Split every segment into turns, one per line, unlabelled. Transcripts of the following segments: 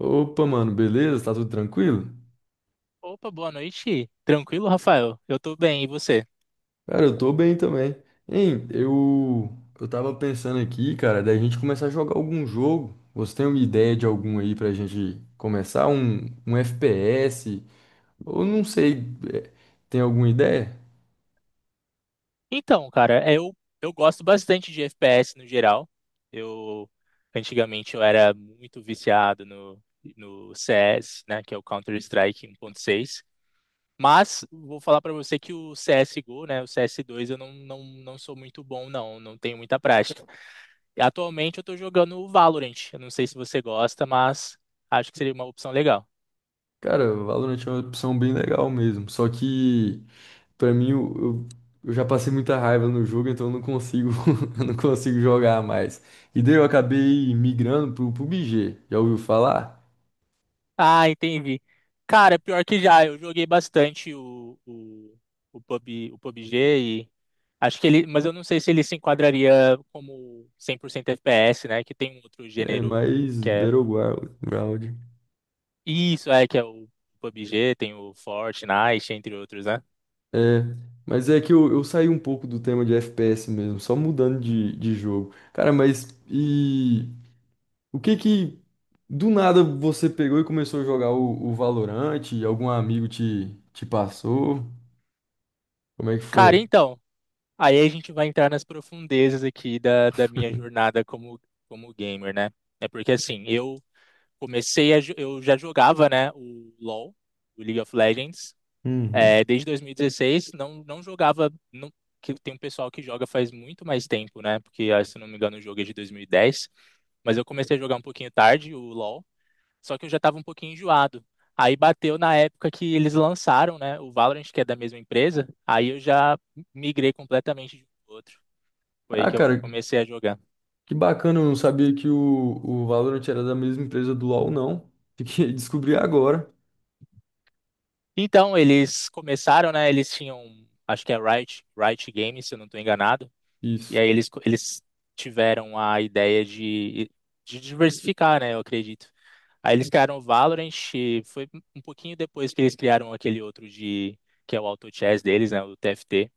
Opa, mano, beleza? Tá tudo tranquilo?
Opa, boa noite. Tranquilo, Rafael? Eu tô bem, e você?
Cara, eu tô bem também. Hein, eu tava pensando aqui, cara, da gente começar a jogar algum jogo. Você tem uma ideia de algum aí pra gente começar? Um FPS? Ou não sei, é, tem alguma ideia?
Então, cara, eu gosto bastante de FPS no geral. Eu Antigamente eu era muito viciado no CS, né, que é o Counter-Strike 1.6. Mas vou falar pra você que o CSGO, né, o CS2, eu não sou muito bom, não tenho muita prática. E atualmente eu tô jogando o Valorant. Eu não sei se você gosta, mas acho que seria uma opção legal.
Cara, Valorant é uma opção bem legal mesmo. Só que, pra mim, eu já passei muita raiva no jogo, então eu não consigo, eu não consigo jogar mais. E daí eu acabei migrando pro PUBG. Já ouviu falar?
Ah, entendi. Cara, pior que já, eu joguei bastante o PUBG e acho que ele, mas eu não sei se ele se enquadraria como 100% FPS, né? Que tem um outro
É
gênero
mais
que é
Battleground. Ground.
isso, é que é o PUBG, tem o Fortnite, entre outros, né?
É, mas é que eu saí um pouco do tema de FPS mesmo, só mudando de jogo. Cara, mas e o que que do nada você pegou e começou a jogar o Valorant? Algum amigo te passou? Como é que
Cara,
foi?
então, aí a gente vai entrar nas profundezas aqui da minha jornada como gamer, né? É porque assim, eu comecei a, jo- eu já jogava, né, o LoL, o League of Legends,
Uhum.
desde 2016, não, não jogava, não, que tem um pessoal que joga faz muito mais tempo, né? Porque ah, se não me engano o jogo é de 2010, mas eu comecei a jogar um pouquinho tarde o LoL, só que eu já estava um pouquinho enjoado. Aí bateu na época que eles lançaram, né, o Valorant, que é da mesma empresa, aí eu já migrei completamente de um pro outro. Foi aí
Ah,
que eu
cara,
comecei a jogar.
que bacana, eu não sabia que o Valorant era da mesma empresa do LoL, não. Fiquei, descobri agora.
Então, eles começaram, né? Eles tinham, acho que é Riot, Riot Games, se eu não estou enganado. E
Isso.
aí eles tiveram a ideia de diversificar, né? Eu acredito. Aí eles criaram o Valorant, e foi um pouquinho depois que eles criaram aquele outro de, que é o Auto Chess deles, né? O TFT.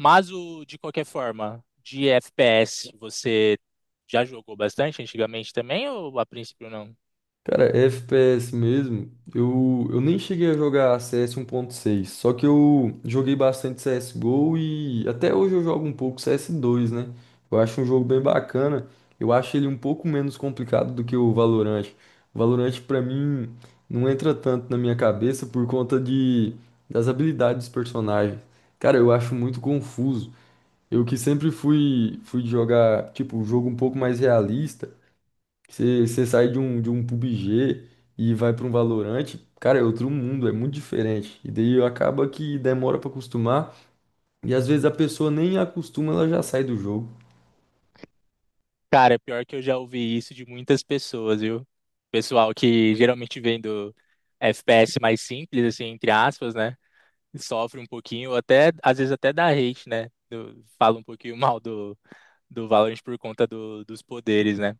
De qualquer forma, de FPS, você já jogou bastante antigamente também, ou a princípio não?
Cara, FPS mesmo, eu nem cheguei a jogar CS 1.6, só que eu joguei bastante CSGO e até hoje eu jogo um pouco CS2, né? Eu acho um jogo bem bacana, eu acho ele um pouco menos complicado do que o Valorant. O Valorant pra mim não entra tanto na minha cabeça por conta de, das habilidades dos personagens. Cara, eu acho muito confuso. Eu que sempre fui jogar, tipo, um jogo um pouco mais realista. Você sai de um PUBG e vai para um Valorant, cara, é outro mundo, é muito diferente. E daí acaba que demora para acostumar, e às vezes a pessoa nem acostuma, ela já sai do jogo.
Cara, pior que eu já ouvi isso de muitas pessoas, viu? Pessoal que geralmente vem do FPS mais simples, assim, entre aspas, né? Sofre um pouquinho, ou até, às vezes até dá hate, né? Fala um pouquinho mal do Valorant por conta dos poderes, né?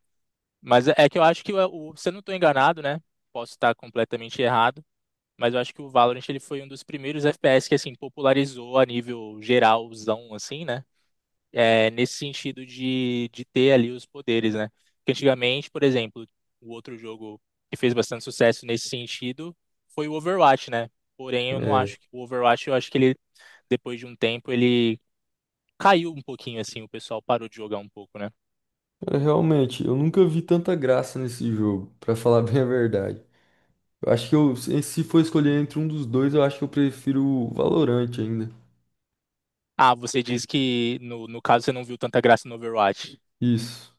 Mas é que eu acho que, se eu não tô enganado, né? Posso estar completamente errado, mas eu acho que o Valorant ele foi um dos primeiros FPS que, assim, popularizou a nível geralzão, assim, né? Nesse sentido de ter ali os poderes, né? Porque antigamente, por exemplo, o outro jogo que fez bastante sucesso nesse sentido foi o Overwatch, né? Porém, eu não
É,
acho que o Overwatch, eu acho que ele, depois de um tempo, ele caiu um pouquinho, assim, o pessoal parou de jogar um pouco, né?
é, realmente, eu nunca vi tanta graça nesse jogo, para falar bem a verdade. Eu acho que eu, se for escolher entre um dos dois, eu acho que eu prefiro o Valorant ainda.
Ah, você diz que no caso você não viu tanta graça no Overwatch.
Isso.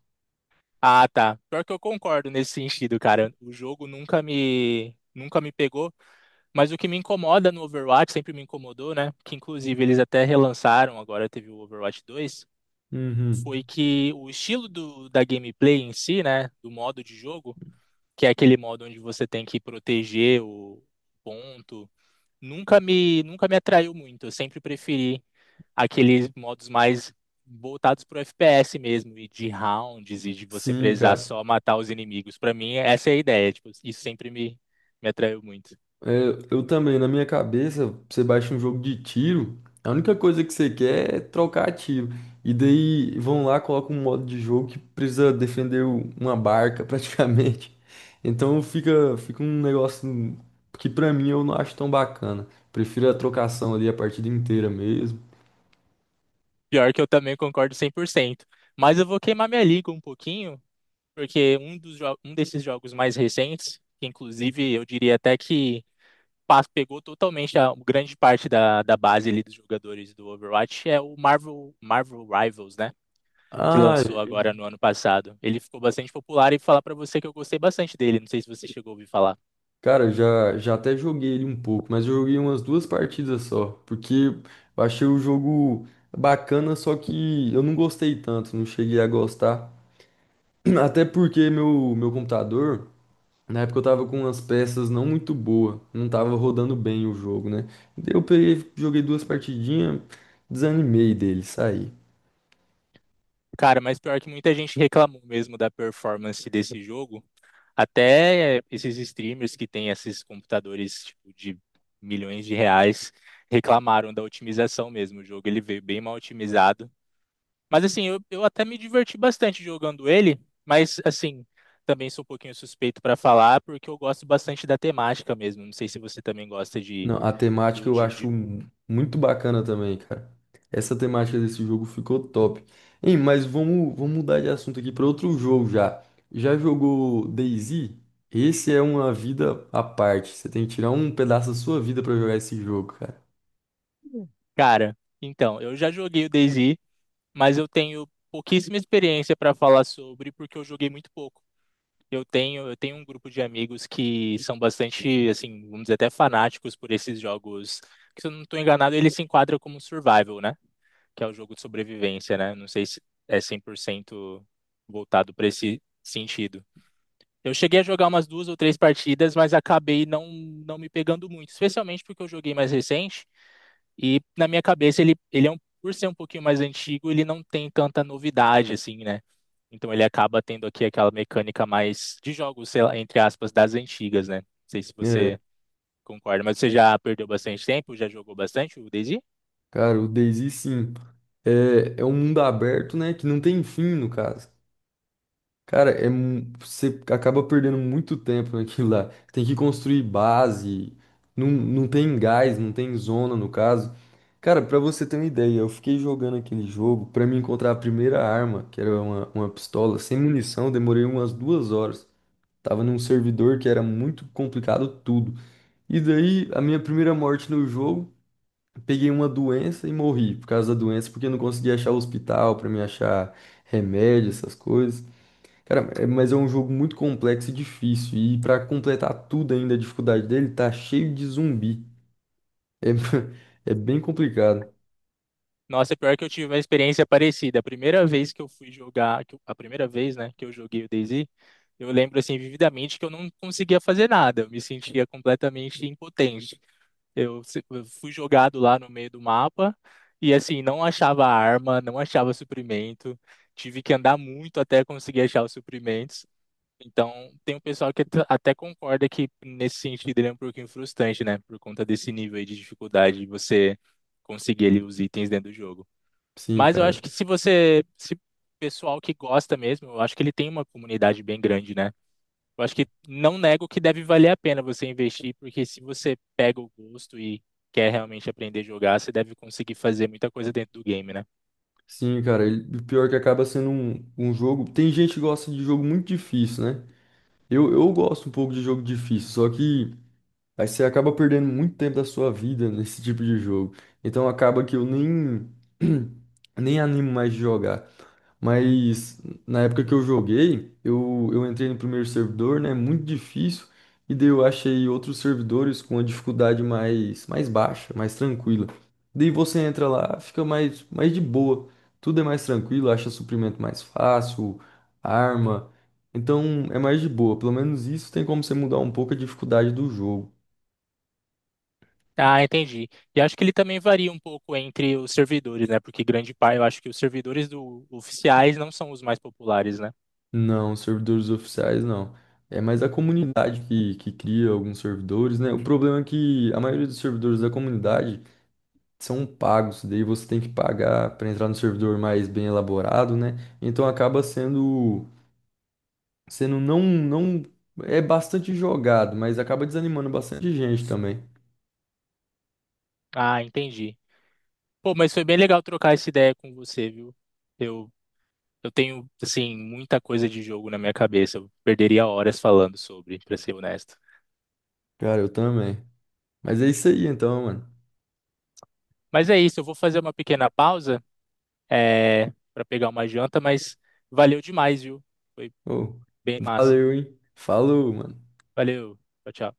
Ah, tá. Pior que eu concordo nesse sentido, cara. O jogo nunca me pegou. Mas o que me incomoda no Overwatch, sempre me incomodou, né? Que inclusive eles até relançaram, agora teve o Overwatch 2, foi
Uhum.
que o estilo do, da gameplay em si, né? Do modo de jogo, que é aquele modo onde você tem que proteger o ponto, nunca me atraiu muito. Eu sempre preferi aqueles modos mais voltados pro FPS mesmo, e de rounds, e de você
Sim,
precisar
cara.
só matar os inimigos. Pra mim, essa é a ideia, tipo, isso sempre me atraiu muito.
É, eu também, na minha cabeça, você baixa um jogo de tiro, a única coisa que você quer é trocar tiro. E daí vão lá, colocam um modo de jogo que precisa defender o- uma barca praticamente. Então fica um negócio que pra mim eu não acho tão bacana. Prefiro a trocação ali a partida inteira mesmo.
Pior que eu também concordo 100%. Mas eu vou queimar minha língua um pouquinho, porque um desses jogos mais recentes, que inclusive eu diria até que pegou totalmente a grande parte da base ali dos jogadores do Overwatch, é o Marvel Rivals, né? Que
Ah,
lançou agora no ano passado. Ele ficou bastante popular e falar pra você que eu gostei bastante dele. Não sei se você chegou a ouvir falar.
cara, já até joguei ele um pouco, mas eu joguei umas duas partidas só, porque eu achei o jogo bacana, só que eu não gostei tanto, não cheguei a gostar. Até porque meu computador, na época eu tava com umas peças não muito boas, não tava rodando bem o jogo, né? Daí eu peguei, joguei duas partidinhas, desanimei dele, saí.
Cara, mas pior que muita gente reclamou mesmo da performance desse jogo. Até esses streamers que têm esses computadores tipo, de milhões de reais reclamaram da otimização mesmo. O jogo ele veio bem mal otimizado. Mas assim, eu até me diverti bastante jogando ele, mas assim, também sou um pouquinho suspeito para falar porque eu gosto bastante da temática mesmo. Não sei se você também gosta de,
Não, a temática
do,
eu acho
de...
mu- muito bacana também, cara. Essa temática desse jogo ficou top. Hein, mas vamos mudar de assunto aqui para outro jogo já. Já jogou DayZ? Esse é uma vida à parte. Você tem que tirar um pedaço da sua vida para jogar esse jogo, cara.
Cara, então, eu já joguei o DayZ, mas eu tenho pouquíssima experiência para falar sobre porque eu joguei muito pouco. Eu tenho um grupo de amigos que são bastante, assim, vamos dizer, até fanáticos por esses jogos. Que, se eu não estou enganado, ele se enquadra como survival, né? Que é o jogo de sobrevivência, né? Não sei se é 100% voltado para esse sentido. Eu cheguei a jogar umas duas ou três partidas, mas acabei não me pegando muito, especialmente porque eu joguei mais recente. E na minha cabeça ele é um, por ser um pouquinho mais antigo, ele não tem tanta novidade assim, né? Então ele acaba tendo aqui aquela mecânica mais de jogos, sei lá, entre aspas, das antigas, né? Não sei se
É,
você concorda, mas você já perdeu bastante tempo, já jogou bastante o DayZ?
cara, o DayZ sim. É, é um mundo aberto, né? Que não tem fim, no caso. Cara, é, mu- você acaba perdendo muito tempo naquilo lá. Tem que construir base, não tem gás, não tem zona no caso. Cara, pra você ter uma ideia, eu fiquei jogando aquele jogo pra me encontrar a primeira arma, que era uma pistola, sem munição, demorei umas duas horas. Tava num servidor que era muito complicado tudo. E daí, a minha primeira morte no jogo, peguei uma doença e morri por causa da doença, porque eu não conseguia achar hospital pra me achar remédio, essas coisas. Cara, é- mas é um jogo muito complexo e difícil. E pra completar tudo ainda, a dificuldade dele tá cheio de zumbi. É, é bem complicado.
Nossa, é pior que eu tive uma experiência parecida. A primeira vez que eu fui jogar, a primeira vez, né, que eu joguei o DayZ, eu lembro assim vividamente que eu não conseguia fazer nada, eu me sentia completamente impotente. Eu fui jogado lá no meio do mapa e assim, não achava arma, não achava suprimento. Tive que andar muito até conseguir achar os suprimentos. Então, tem um pessoal que até concorda que nesse sentido ele é um pouquinho frustrante, né? Por conta desse nível aí de dificuldade de você conseguir ali os itens dentro do jogo.
Sim,
Mas eu acho
cara.
que se você, se pessoal que gosta mesmo, eu acho que ele tem uma comunidade bem grande, né? Eu acho que não nego que deve valer a pena você investir, porque se você pega o gosto e quer realmente aprender a jogar, você deve conseguir fazer muita coisa dentro do game, né?
Sim, cara. Ele, o pior é que acaba sendo um jogo. Tem gente que gosta de jogo muito difícil, né? Eu gosto um pouco de jogo difícil, só que aí você acaba perdendo muito tempo da sua vida nesse tipo de jogo. Então acaba que eu nem, nem animo mais de jogar. Mas na época que eu joguei, eu entrei no primeiro servidor, né? Muito difícil. E daí eu achei outros servidores com a dificuldade mais baixa, mais tranquila. Daí você entra lá, fica mais de boa. Tudo é mais tranquilo, acha suprimento mais fácil, arma. Então é mais de boa. Pelo menos isso tem como você mudar um pouco a dificuldade do jogo.
Ah, entendi. E acho que ele também varia um pouco entre os servidores, né? Porque grande parte, eu acho que os servidores oficiais não são os mais populares, né?
Não, servidores oficiais não. É mais a comunidade que cria alguns servidores, né? O problema é que a maioria dos servidores da comunidade são pagos, daí você tem que pagar para entrar no servidor mais bem elaborado, né? Então acaba sendo não, é bastante jogado, mas acaba desanimando bastante gente também.
Ah, entendi. Pô, mas foi bem legal trocar essa ideia com você, viu? Eu, eu tenho, assim, muita coisa de jogo na minha cabeça. Eu perderia horas falando sobre, pra ser honesto.
Cara, eu também. Mas é isso aí então, mano.
Mas é isso, eu vou fazer uma pequena pausa. Para pegar uma janta, mas valeu demais, viu? Foi
Ô,
bem massa.
valeu, hein? Falou, mano.
Valeu. Tchau, tchau.